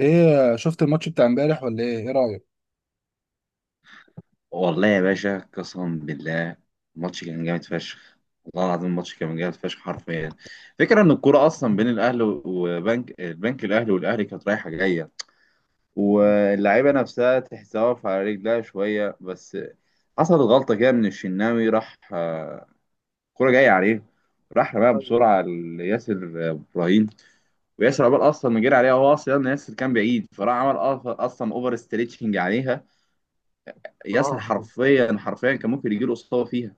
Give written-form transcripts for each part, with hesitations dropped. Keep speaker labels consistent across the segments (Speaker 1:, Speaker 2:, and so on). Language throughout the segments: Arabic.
Speaker 1: ايه شفت الماتش بتاع امبارح ولا ايه رايك؟
Speaker 2: والله يا باشا قسما بالله. الماتش كان جامد فشخ. والله العظيم الماتش كان جامد فشخ حرفيا. فكرة ان الكوره اصلا بين الاهلي وبنك البنك الاهلي والاهلي كانت رايحه جايه، واللعيبه نفسها تحسها واقفه على رجلها شويه بس. حصلت غلطه كده من الشناوي، راح الكوره جايه عليه، راح رماها
Speaker 1: طيب.
Speaker 2: بسرعه لياسر ابراهيم. وياسر عقبال اصلا ما جري عليها، هو اصلا ياسر كان بعيد، فراح عمل اصلا اوفر ستريتشنج عليها.
Speaker 1: اه،
Speaker 2: ياسر
Speaker 1: ايوه.
Speaker 2: حرفيا حرفيا كان ممكن يجيله اصابه فيها.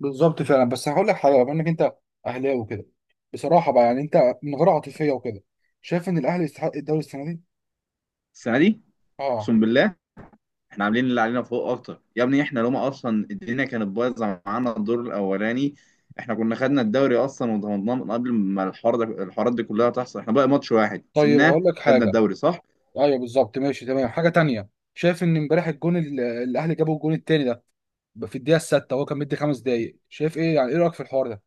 Speaker 1: بالظبط فعلا، بس هقول لك حاجه، بما انك انت اهلاوي وكده، بصراحه بقى يعني انت من غير عاطفيه وكده، شايف ان الاهلي يستحق الدوري السنه دي؟
Speaker 2: السنه دي
Speaker 1: اه.
Speaker 2: اقسم بالله، احنا عاملين اللي علينا فوق اكتر يا ابني. احنا لما اصلا الدنيا كانت بايظه معانا الدور الاولاني، احنا كنا خدنا الدوري اصلا وضمناه من قبل ما الحوار ده الحوارات دي كلها تحصل. احنا بقى ماتش واحد
Speaker 1: طيب
Speaker 2: سيبناه.
Speaker 1: هقول لك
Speaker 2: خدنا
Speaker 1: حاجه.
Speaker 2: الدوري صح.
Speaker 1: ايوه بالظبط، ماشي تمام. حاجه تانية، شايف ان امبارح الجون الاهلي جابه الجون التاني ده في الدقيقه السادسه وهو كان مدي 5 دقايق، شايف ايه؟ يعني ايه رايك في الحوار ده؟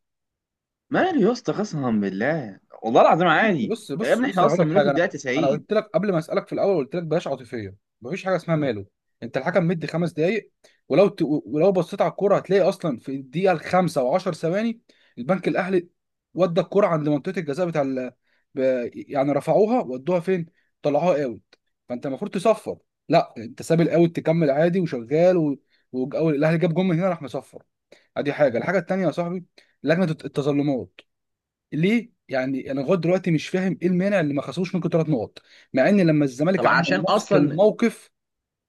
Speaker 2: ماله يا اسطى؟ قسما بالله والله العظيم عادي.
Speaker 1: بص
Speaker 2: يا
Speaker 1: بص
Speaker 2: ابني
Speaker 1: بص
Speaker 2: احنا
Speaker 1: انا هقول
Speaker 2: اصلا
Speaker 1: لك
Speaker 2: ملوك
Speaker 1: حاجه. انا
Speaker 2: الدقيقه 90.
Speaker 1: قلت لك قبل ما اسالك في الاول، قلت لك بلاش عاطفيه. مفيش حاجه اسمها ماله. انت الحكم مدي 5 دقائق، ولو بصيت على الكوره هتلاقي اصلا في الدقيقه الخامسه و10 ثواني البنك الاهلي ودى الكوره عند منطقه الجزاء بتاع ب... يعني رفعوها ودوها فين؟ طلعوها اوت. فانت المفروض تصفر. لا، انت ساب الاوت تكمل عادي وشغال الاهلي جاب جون من هنا راح مصفر. ادي حاجه. الحاجه التانيه يا صاحبي، لجنه التظلمات. ليه؟ يعني انا لغايه دلوقتي مش فاهم ايه المانع اللي ما خصموش منكم 3 نقط، مع ان لما الزمالك
Speaker 2: طب
Speaker 1: عمل
Speaker 2: عشان
Speaker 1: نفس
Speaker 2: اصلا.
Speaker 1: الموقف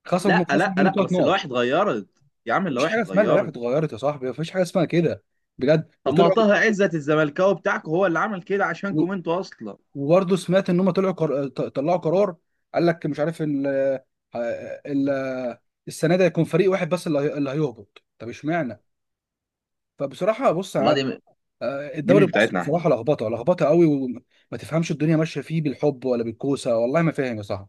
Speaker 1: خصموا
Speaker 2: لا
Speaker 1: خصموا
Speaker 2: لا
Speaker 1: منه
Speaker 2: لا
Speaker 1: ثلاث
Speaker 2: بس
Speaker 1: نقط
Speaker 2: اللوائح اتغيرت يا عم،
Speaker 1: مفيش
Speaker 2: اللوائح
Speaker 1: حاجه اسمها اللوائح
Speaker 2: اتغيرت.
Speaker 1: اتغيرت يا صاحبي، مفيش حاجه اسمها كده بجد.
Speaker 2: طب ما
Speaker 1: وطلعوا،
Speaker 2: طه عزت الزملكاوي بتاعكم هو اللي عمل كده
Speaker 1: و-
Speaker 2: عشانكم انتوا اصلا.
Speaker 1: وبرضه سمعت ان هم طلعوا طلعوا قرار، قال لك مش عارف ال... السنه دي هيكون فريق واحد بس اللي هيهبط. طب اشمعنى؟ فبصراحه بص،
Speaker 2: والله دي، دي
Speaker 1: الدوري
Speaker 2: مش
Speaker 1: المصري
Speaker 2: بتاعتنا احنا.
Speaker 1: بصراحه لخبطه لخبطه قوي، وما تفهمش الدنيا ماشيه فيه بالحب ولا بالكوسه. والله ما فاهم يا صاحبي.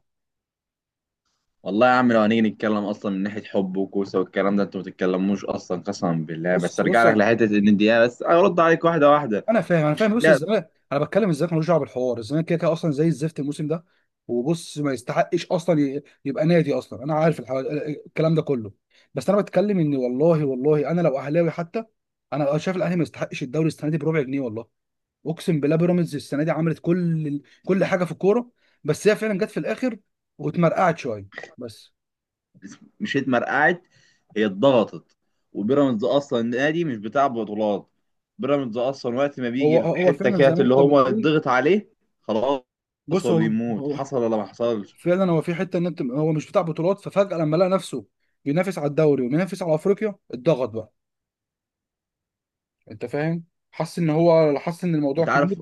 Speaker 2: والله يا عم لو هنيجي نتكلم اصلا من ناحيه حب وكوسه والكلام ده، انتوا ما بتتكلموش اصلا قسما بالله. بس
Speaker 1: بص،
Speaker 2: ارجع لك لحته ان دي، بس ارد عليك واحده واحده.
Speaker 1: انا فاهم. بص
Speaker 2: الدقيقه.
Speaker 1: الزمالك، انا بتكلم الزمالك، ملوش دعوه بالحوار. الزمالك كده كده اصلا زي الزفت الموسم ده، وبص ما يستحقش اصلا يبقى نادي اصلا، انا عارف الكلام ده كله. بس انا بتكلم ان، والله والله انا لو اهلاوي حتى، انا شايف الاهلي ما يستحقش الدوري السنه دي بربع جنيه. والله اقسم بالله، بيراميدز السنه دي عملت كل كل حاجه في الكوره، بس هي فعلا جت في الاخر واتمرقعت شويه بس.
Speaker 2: مش اتمرقعت، هي اتضغطت. وبيراميدز اصلا نادي مش بتاع بطولات. بيراميدز اصلا وقت ما بيجي
Speaker 1: هو هو
Speaker 2: الحته
Speaker 1: فعلا زي
Speaker 2: كده
Speaker 1: ما
Speaker 2: اللي
Speaker 1: انت
Speaker 2: هو
Speaker 1: بتقول.
Speaker 2: اتضغط عليه، خلاص،
Speaker 1: بص،
Speaker 2: هو
Speaker 1: هو
Speaker 2: بيموت.
Speaker 1: هو
Speaker 2: حصل ولا ما حصلش.
Speaker 1: فعلا، هو في حته ان انت هو مش بتاع بطولات، ففجاه لما لقى نفسه بينافس على الدوري وبينافس على افريقيا، اتضغط بقى. انت فاهم؟ حس ان هو حس ان الموضوع
Speaker 2: انت عارف.
Speaker 1: كبير.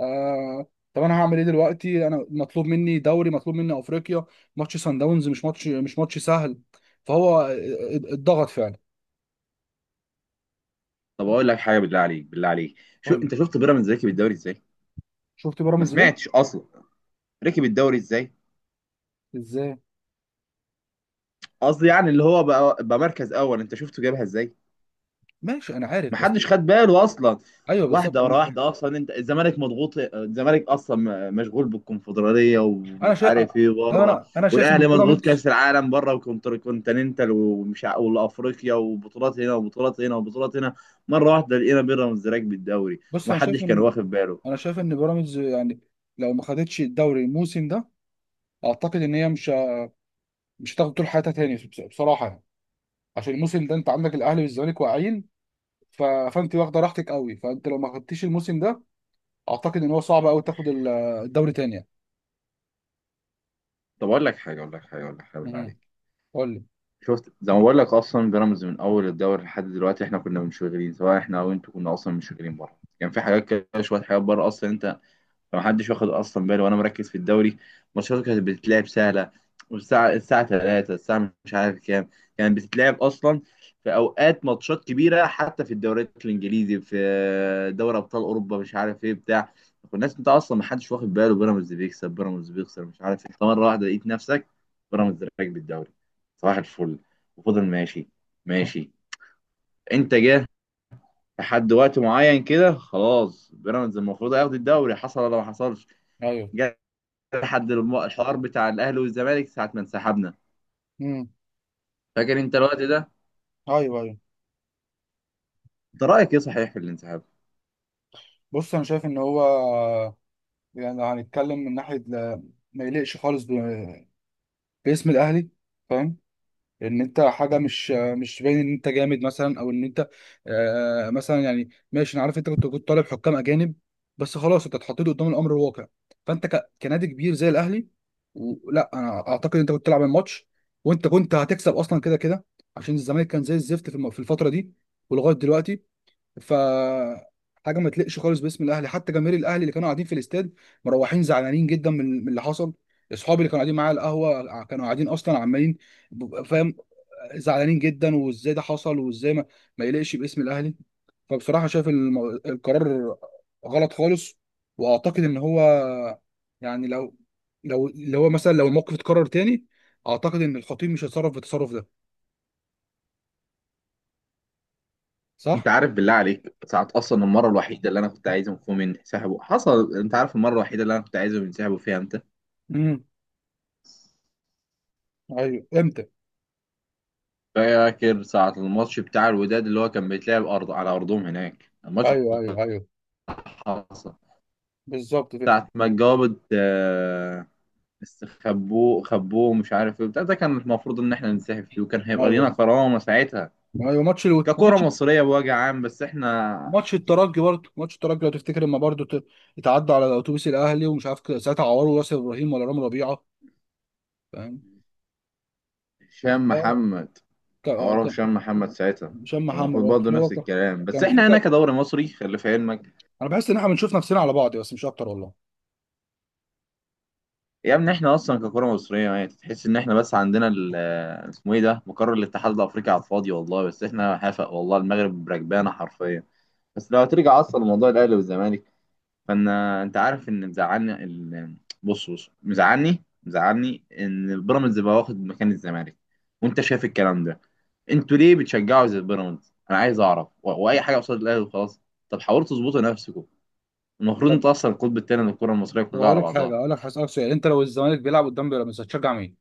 Speaker 1: آه. طب انا هعمل ايه دلوقتي؟ انا مطلوب مني دوري، مطلوب مني افريقيا، ماتش سان داونز مش ماتش سهل، فهو اتضغط فعلا.
Speaker 2: طب اقول لك حاجه، بالله عليك بالله عليك، شو
Speaker 1: قول لي،
Speaker 2: انت شفت بيراميدز ركب الدوري ازاي؟
Speaker 1: شفت
Speaker 2: ما
Speaker 1: بيراميدز ليه.
Speaker 2: سمعتش اصلا ركب الدوري ازاي.
Speaker 1: ازاي؟
Speaker 2: قصدي يعني اللي هو بقى مركز اول، انت شفته جابها ازاي؟
Speaker 1: ماشي انا عارف،
Speaker 2: ما
Speaker 1: بس
Speaker 2: حدش خد باله اصلا.
Speaker 1: ايوه بالظبط
Speaker 2: واحده
Speaker 1: انا
Speaker 2: ورا
Speaker 1: فاهم.
Speaker 2: واحده. اصلا انت الزمالك مضغوط، الزمالك اصلا مشغول بالكونفدراليه
Speaker 1: انا
Speaker 2: ومش
Speaker 1: شايف،
Speaker 2: عارف ايه بره،
Speaker 1: انا شايف ان
Speaker 2: والاهلي مضغوط
Speaker 1: بيراميدز،
Speaker 2: كاس العالم بره وكونتيننتال وافريقيا وبطولات هنا وبطولات هنا وبطولات هنا. مره واحده لقينا بيراميدز راكب الدوري
Speaker 1: بص انا شايف
Speaker 2: ومحدش كان
Speaker 1: ان،
Speaker 2: واخد باله.
Speaker 1: انا شايف ان بيراميدز يعني لو ما خدتش الدوري الموسم ده، اعتقد ان هي مش هتاخد طول حياتها تاني، بصراحه يعني. عشان الموسم ده انت عندك الاهلي والزمالك واقعين، فانت واخده راحتك قوي، فانت لو ما خدتيش الموسم ده اعتقد ان هو صعب قوي تاخد الدوري تاني يعني.
Speaker 2: طب اقول لك حاجه اقول لك حاجه اقول لك حاجه، بالله
Speaker 1: امم
Speaker 2: عليك.
Speaker 1: قول لي.
Speaker 2: شفت زي ما بقول لك اصلا، بيراميدز من اول الدوري لحد دلوقتي احنا كنا منشغلين، سواء احنا او انتوا كنا اصلا منشغلين بره، كان في حاجات كده شويه حاجات بره اصلا انت. فمحدش واخد اصلا باله، وانا مركز في الدوري. ماتشاته كانت بتتلعب سهله، والساعه 3 الساعه مش عارف كام، كانت بتتلعب اصلا في اوقات ماتشات كبيره حتى في الدوريات الانجليزي، في دوري ابطال اوروبا مش عارف ايه بتاع. والناس انت اصلا محدش واخد باله، بيراميدز بيكسب بيراميدز بيخسر مش عارف، انت مره واحده لقيت نفسك بيراميدز راكب الدوري. صباح الفل. وفضل ماشي ماشي، انت جه لحد وقت معين كده، خلاص بيراميدز المفروض هياخد الدوري. حصل ولا ما حصلش.
Speaker 1: ايوه.
Speaker 2: جه لحد الحوار بتاع الاهلي والزمالك ساعه ما انسحبنا.
Speaker 1: امم.
Speaker 2: فاكر انت الوقت ده؟
Speaker 1: ايوه، ايوه.
Speaker 2: انت رايك ايه صحيح في الانسحاب؟
Speaker 1: بص انا شايف ان هو، يعني لو هنتكلم من ناحيه ما يليقش خالص باسم الاهلي. فاهم؟ ان انت حاجه مش باين ان انت جامد مثلا، او ان انت، آه مثلا، يعني ماشي انا عارف انت كنت طالب حكام اجانب، بس خلاص انت اتحطيت قدام الامر الواقع. فانت كنادي كبير زي الاهلي، لا انا اعتقد انت كنت تلعب الماتش، وانت كنت هتكسب اصلا كده كده عشان الزمالك كان زي الزفت في في الفتره دي ولغايه دلوقتي. ف حاجه ما تليقش خالص باسم الاهلي. حتى جماهير الاهلي اللي كانوا قاعدين في الاستاد مروحين زعلانين جدا من اللي حصل. اصحابي اللي كانوا قاعدين معايا على القهوه كانوا قاعدين اصلا عمالين فاهم، زعلانين جدا، وازاي ده حصل، وازاي ما يليقش باسم الاهلي. فبصراحه شايف القرار غلط خالص، واعتقد ان هو يعني لو، لو اللي هو مثلا لو الموقف اتكرر تاني، اعتقد ان الخطيب مش هيتصرف بالتصرف ده.
Speaker 2: انت
Speaker 1: صح؟
Speaker 2: عارف بالله عليك ساعه اصلا المره الوحيده اللي انا كنت عايزهم فيهم ينسحبوا حصل؟ انت عارف المره الوحيده اللي انا كنت عايزهم ينسحبوا فيها امتى؟
Speaker 1: امم. ايوه، امتى؟
Speaker 2: فاكر ساعه الماتش بتاع الوداد اللي هو كان بيتلعب ارض على ارضهم هناك، الماتش
Speaker 1: ايوه،
Speaker 2: اللي
Speaker 1: ايوه، ايوه،
Speaker 2: حصل،
Speaker 1: بالظبط كده.
Speaker 2: ساعه ما اتجاوبت استخبوه خبوه مش عارف ايه بتاع، ده كان المفروض ان احنا ننسحب فيه وكان هيبقى لينا
Speaker 1: ايوه،
Speaker 2: كرامه ساعتها
Speaker 1: ايوه، ماتش
Speaker 2: ككرة
Speaker 1: ماتش،
Speaker 2: مصرية بوجه عام. بس احنا
Speaker 1: ماتش الترجي برضه، ماتش الترجي لو تفتكر، لما برضه اتعدى على اتوبيس الاهلي ومش عارف كده، ساعتها عوروا ياسر ابراهيم ولا رامي ربيعه، فاهم.
Speaker 2: هشام
Speaker 1: آه،
Speaker 2: محمد، عوره
Speaker 1: كان
Speaker 2: هشام محمد ساعتها،
Speaker 1: هشام
Speaker 2: كان
Speaker 1: محمد
Speaker 2: المفروض
Speaker 1: برضه،
Speaker 2: برضه
Speaker 1: هو
Speaker 2: نفس الكلام. بس
Speaker 1: كان في
Speaker 2: احنا هنا كدوري مصري، خلي في علمك
Speaker 1: انا بحس ان احنا بنشوف نفسنا على بعض بس، مش اكتر والله.
Speaker 2: يا ابني احنا اصلا ككره مصريه، يعني تحس ان احنا بس عندنا اسمه ايه ده، مقر الاتحاد الافريقي على الفاضي والله، بس احنا حافق، والله المغرب بركبانه حرفيا. بس لو هترجع اصلا لموضوع الاهلي والزمالك، فانا انت عارف ان مزعلني ال... بص بص، مزعلني ان البيراميدز بقى واخد مكان الزمالك، وانت شايف الكلام ده. انتوا ليه بتشجعوا زي البيراميدز؟ انا عايز اعرف، و... واي حاجه قصاد الاهلي وخلاص. طب حاولوا تظبطوا نفسكم، المفروض
Speaker 1: طب،
Speaker 2: انتوا اصلا القطب الثاني للكره المصريه
Speaker 1: طب
Speaker 2: كلها
Speaker 1: هقول
Speaker 2: على
Speaker 1: لك حاجه،
Speaker 2: بعضها.
Speaker 1: هقول لك، هسألك سؤال: انت لو الزمالك بيلعب قدام بيراميدز هتشجع مين؟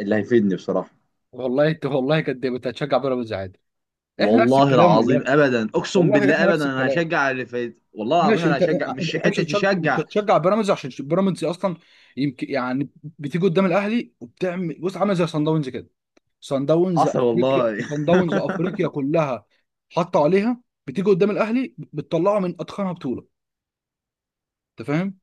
Speaker 2: اللي هيفيدني بصراحه.
Speaker 1: والله انت والله كداب، انت هتشجع بيراميدز عادي. احنا نفس
Speaker 2: والله
Speaker 1: الكلام
Speaker 2: العظيم
Speaker 1: والله،
Speaker 2: ابدا، اقسم
Speaker 1: والله
Speaker 2: بالله
Speaker 1: احنا
Speaker 2: ابدا،
Speaker 1: نفس
Speaker 2: انا
Speaker 1: الكلام.
Speaker 2: هشجع اللي فايت، والله العظيم
Speaker 1: ماشي،
Speaker 2: انا
Speaker 1: انت
Speaker 2: هشجع، مش
Speaker 1: انت مش
Speaker 2: حته
Speaker 1: هتشجع، مش
Speaker 2: تشجع.
Speaker 1: هتشجع بيراميدز عشان بيراميدز اصلا يمكن يعني بتيجي قدام الاهلي وبتعمل، بص عامله زي صن داونز كده. صن داونز
Speaker 2: حصل
Speaker 1: افريقيا،
Speaker 2: والله.
Speaker 1: صن داونز افريقيا كلها حطوا عليها، بتيجي قدام الاهلي بتطلعه من اتخنها بطوله. انت فاهم؟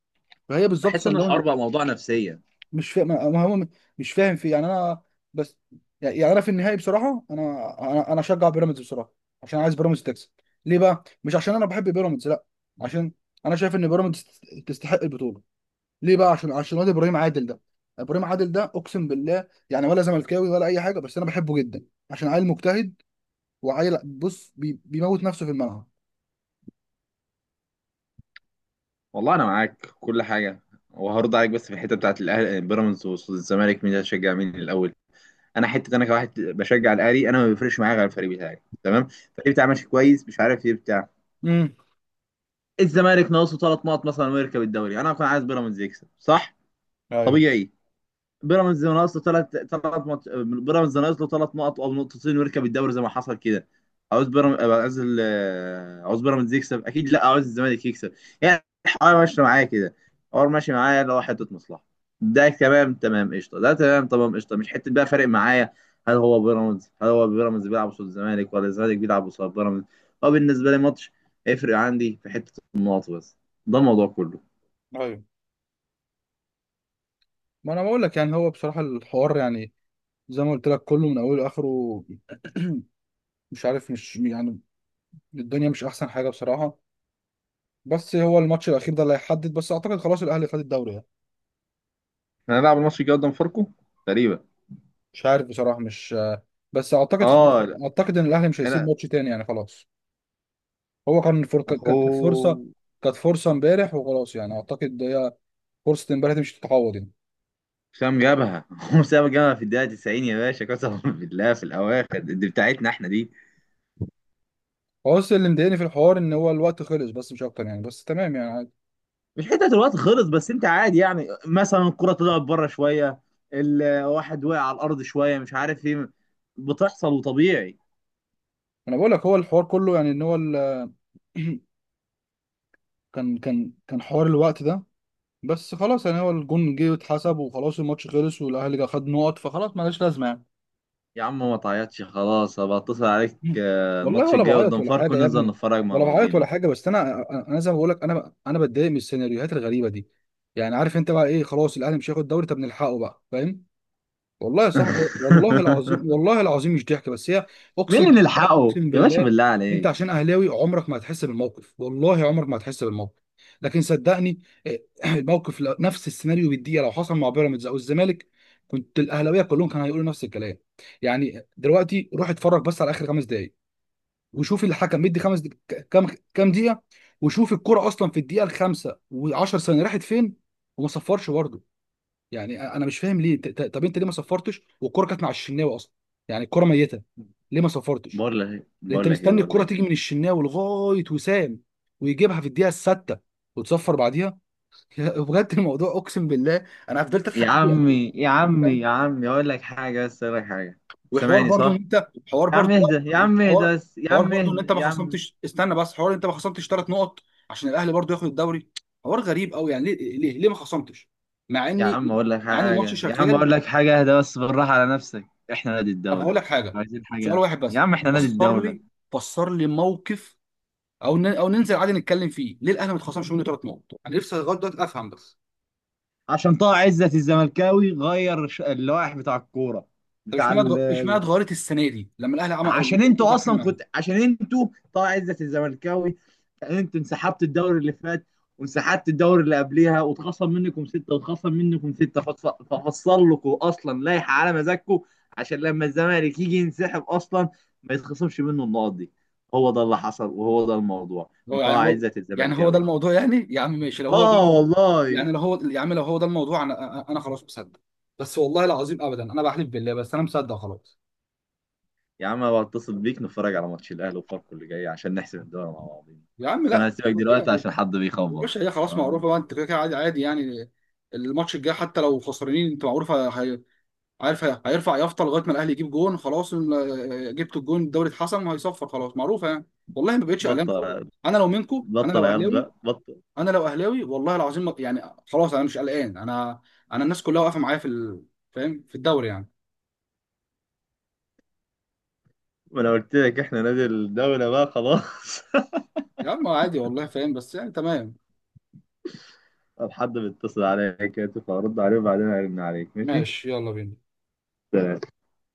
Speaker 1: فهي بالظبط
Speaker 2: بحس ان
Speaker 1: صن داونز.
Speaker 2: الحوار بقى موضوع نفسيه.
Speaker 1: مش فاهم، ما هو مش فاهم في، يعني انا، بس يعني انا في النهائي بصراحه، انا، انا اشجع بيراميدز بصراحه عشان عايز بيراميدز تكسب. ليه بقى؟ مش عشان انا بحب بيراميدز، لا، عشان انا شايف ان بيراميدز تستحق البطوله. ليه بقى؟ عشان عشان واد ابراهيم عادل ده. ابراهيم عادل ده، اقسم بالله يعني، ولا زملكاوي ولا اي حاجه، بس انا بحبه جدا عشان عيل مجتهد، وعيل بص بيموت نفسه في الملعب.
Speaker 2: والله انا معاك في كل حاجه، وهرد عليك بس في الحته بتاعت الاهلي بيراميدز والزمالك مين هتشجع مين الاول. انا حته انا كواحد بشجع الاهلي، انا ما بيفرقش معايا غير الفريق بتاعي تمام، الفريق بتاعي ماشي كويس مش عارف ايه بتاع.
Speaker 1: امم.
Speaker 2: الزمالك ناقصه ثلاث نقط مثلا ويركب الدوري، انا كنت عايز بيراميدز يكسب صح.
Speaker 1: ايوه،
Speaker 2: طبيعي. بيراميدز ناقص له بيراميدز ناقص له ثلاث نقط او نقطتين ويركب الدوري زي ما حصل كده، عاوز بيراميدز، عاوز ال-، عاوز بيراميدز يكسب اكيد، لا عاوز الزمالك يكسب. يعني الحوار ماشي معايا كده، الحوار ماشي معايا اللي هو حته مصلحه، ده تمام تمام قشطه، ده تمام تمام قشطه. مش حته بقى فارق معايا هل هو بيراميدز، هل هو بيراميدز بيلعب قصاد الزمالك ولا الزمالك بيلعب قصاد بيراميدز. هو بالنسبه لي ماتش، هيفرق عندي في حته النقط بس، ده الموضوع كله.
Speaker 1: ايوه. ما انا بقول لك يعني، هو بصراحه الحوار يعني زي ما قلت لك كله من اوله لاخره، مش عارف، مش يعني، الدنيا مش احسن حاجه بصراحه. بس هو الماتش الاخير ده اللي هيحدد، بس اعتقد خلاص الاهلي خد الدوري يعني.
Speaker 2: احنا هنلعب الماتش الجاي قدام فاركو تقريبا.
Speaker 1: مش عارف بصراحه، مش، بس اعتقد خلاص.
Speaker 2: اه.
Speaker 1: اعتقد ان الاهلي مش هيسيب
Speaker 2: انا
Speaker 1: ماتش تاني يعني، خلاص. هو كان
Speaker 2: اهو.
Speaker 1: كانت فرصه، كانت فرصه امبارح وخلاص يعني، اعتقد هي فرصه امبارح دي مش هتتعوض يعني.
Speaker 2: حسام جابها. هو حسام جابها في الدقيقة 90 يا باشا قسما بالله، في الأواخر دي بتاعتنا احنا دي.
Speaker 1: هو بس اللي مضايقني في الحوار ان هو الوقت خلص بس، مش اكتر يعني، بس تمام يعني عادي.
Speaker 2: مش حتة الوقت خلص بس، أنت عادي يعني، مثلا الكرة طلعت بره شوية، الواحد وقع على الأرض شوية، مش عارف إيه، بتحصل وطبيعي.
Speaker 1: انا بقول لك هو الحوار كله يعني ان هو كان كان حوار الوقت ده، بس خلاص يعني هو الجون جه واتحسب وخلاص، الماتش خلص والاهلي جا خد نقط، فخلاص مالهاش لازمه يعني.
Speaker 2: يا عم ما تعيطش، خلاص هبقى أتصل عليك
Speaker 1: والله
Speaker 2: الماتش
Speaker 1: ولا
Speaker 2: الجاي
Speaker 1: بعيط
Speaker 2: قدام
Speaker 1: ولا
Speaker 2: فاركو
Speaker 1: حاجه يا
Speaker 2: ننزل
Speaker 1: ابني،
Speaker 2: نتفرج مع
Speaker 1: ولا بعيط ولا
Speaker 2: بعضينا.
Speaker 1: حاجه، بس انا انا زي ما بقول لك، انا بتضايق من السيناريوهات الغريبه دي. يعني عارف انت بقى ايه؟ خلاص الاهلي مش هياخد دوري، طب نلحقه بقى. فاهم؟ والله يا صاحبي، والله العظيم، والله العظيم مش ضحك بس هي.
Speaker 2: مين
Speaker 1: اقسم
Speaker 2: اللي
Speaker 1: بالله،
Speaker 2: نلحقه
Speaker 1: اقسم
Speaker 2: يا باشا
Speaker 1: بالله.
Speaker 2: بالله
Speaker 1: انت
Speaker 2: عليك؟
Speaker 1: عشان اهلاوي عمرك ما هتحس بالموقف، والله عمرك ما هتحس بالموقف. لكن صدقني، إيه، الموقف نفس السيناريو بالدقيقه لو حصل مع بيراميدز او الزمالك، كنت الاهلاويه كلهم كانوا هيقولوا نفس الكلام. يعني دلوقتي روح اتفرج بس على اخر 5 دقائق، وشوف الحكم مدي كام كام دقيقه. وشوف الكرة اصلا في الدقيقه الخامسه و10 ثانيه راحت فين وما صفرش برضه. يعني انا مش فاهم ليه، طب انت ليه ما صفرتش والكرة كانت مع الشناوي اصلا؟ يعني الكرة ميتة، ليه ما صفرتش؟ لأن انت مستني
Speaker 2: بقول
Speaker 1: الكرة
Speaker 2: لك
Speaker 1: تيجي
Speaker 2: إيه.
Speaker 1: من الشناوي لغاية وسام ويجيبها في الدقيقة السادسة وتصفر بعديها. يا، بجد الموضوع اقسم بالله انا فضلت
Speaker 2: يا
Speaker 1: اضحك فيه
Speaker 2: عمي يا
Speaker 1: أوي.
Speaker 2: عمي يا عمي، اقول لك حاجه بس، اقول لك حاجه.
Speaker 1: وحوار
Speaker 2: سامعني
Speaker 1: برضو ان
Speaker 2: صح؟
Speaker 1: انت، حوار
Speaker 2: يا عم
Speaker 1: برضو،
Speaker 2: اهدى يا
Speaker 1: لا،
Speaker 2: عم اهدى
Speaker 1: حوار،
Speaker 2: بس، يا
Speaker 1: حوار
Speaker 2: عم
Speaker 1: برضو ان
Speaker 2: اهدى
Speaker 1: انت ما
Speaker 2: يا عم.
Speaker 1: خصمتش، استنى بس، حوار إن انت ما خصمتش 3 نقط عشان الاهلي برضو ياخد الدوري. حوار غريب قوي يعني، ليه، ليه ما خصمتش؟ مع
Speaker 2: يا
Speaker 1: اني،
Speaker 2: عم اقول لك
Speaker 1: مع ان الماتش
Speaker 2: حاجه، يا عم
Speaker 1: شغال.
Speaker 2: اقول لك حاجه، اهدى بس، بالراحه على نفسك. احنا نادي
Speaker 1: طب هقول
Speaker 2: الدوله،
Speaker 1: لك حاجه،
Speaker 2: عايزين
Speaker 1: سؤال
Speaker 2: حاجه
Speaker 1: واحد
Speaker 2: يا
Speaker 1: بس،
Speaker 2: عم، احنا نادي
Speaker 1: فسر لي،
Speaker 2: الدوله.
Speaker 1: فسر لي موقف، او ننزل عادي نتكلم فيه: ليه الاهلي ما اتخصمش منه 3 نقط؟ انا نفسي لغايه دلوقتي افهم بس.
Speaker 2: عشان طه عزت الزملكاوي غير اللوائح بتاع الكوره
Speaker 1: طب
Speaker 2: بتاع
Speaker 1: اشمعنى
Speaker 2: ال-.
Speaker 1: اشمعنى اتغيرت السنه دي لما الاهلي عمل
Speaker 2: عشان انتوا
Speaker 1: الوقت
Speaker 2: اصلا
Speaker 1: معايا؟
Speaker 2: كنت، عشان انتوا طبعا، عزة الزملكاوي يعني، انتوا انسحبت الدوري اللي فات وانسحبت الدوري اللي قبليها، واتخصم منكم ستة واتخصم منكم ستة، ففصل لكم اصلا لائحة على مزاجكم، عشان لما الزمالك يجي ينسحب اصلا ما يتخصمش منه النقط دي. هو ده اللي حصل، وهو ده الموضوع من
Speaker 1: هو
Speaker 2: طه
Speaker 1: يعني، هو
Speaker 2: عزة
Speaker 1: يعني هو ده
Speaker 2: الزملكاوي.
Speaker 1: الموضوع يعني؟ يا عم ماشي، لو هو ده،
Speaker 2: اه والله.
Speaker 1: يعني لو هو، يا عم لو هو ده الموضوع، انا انا خلاص مصدق، بس والله العظيم ابدا، انا بحلف بالله، بس انا مصدق خلاص.
Speaker 2: يا عم أنا بتصل بيك نتفرج على ماتش الاهلي وفاركو اللي جاي، عشان نحسب الدوري مع بعضينا.
Speaker 1: يا عم
Speaker 2: بس انا
Speaker 1: لا،
Speaker 2: هسيبك دلوقتي
Speaker 1: يعني
Speaker 2: عشان حد بيخبط.
Speaker 1: الباشا هي خلاص
Speaker 2: تمام.
Speaker 1: معروفه بقى، انت كده كده عادي عادي يعني، الماتش الجاي حتى لو خسرانين انت معروفه. عارف، هيرفع يافطه لغايه ما الاهلي يجيب جون، خلاص جبت الجون، الدوري اتحسم، وهيصفر. خلاص معروفه يعني، والله ما بقتش قلقان خلاص.
Speaker 2: بطل،
Speaker 1: انا لو منكم، انا
Speaker 2: بطل
Speaker 1: لو
Speaker 2: عياط
Speaker 1: اهلاوي،
Speaker 2: بقى، بطل.
Speaker 1: انا لو اهلاوي والله العظيم يعني خلاص انا مش قلقان. انا، انا الناس كلها واقفه معايا في فاهم، في الدوري يعني.
Speaker 2: ما انا قلت لك احنا نادي الدولة بقى خلاص.
Speaker 1: يا عم عادي، والله فاهم، بس يعني تمام.
Speaker 2: طب حد بيتصل عليا كده، تبقى ارد عليه وبعدين ارن عليك، ماشي.
Speaker 1: ماشي، يلا بينا.
Speaker 2: سلام.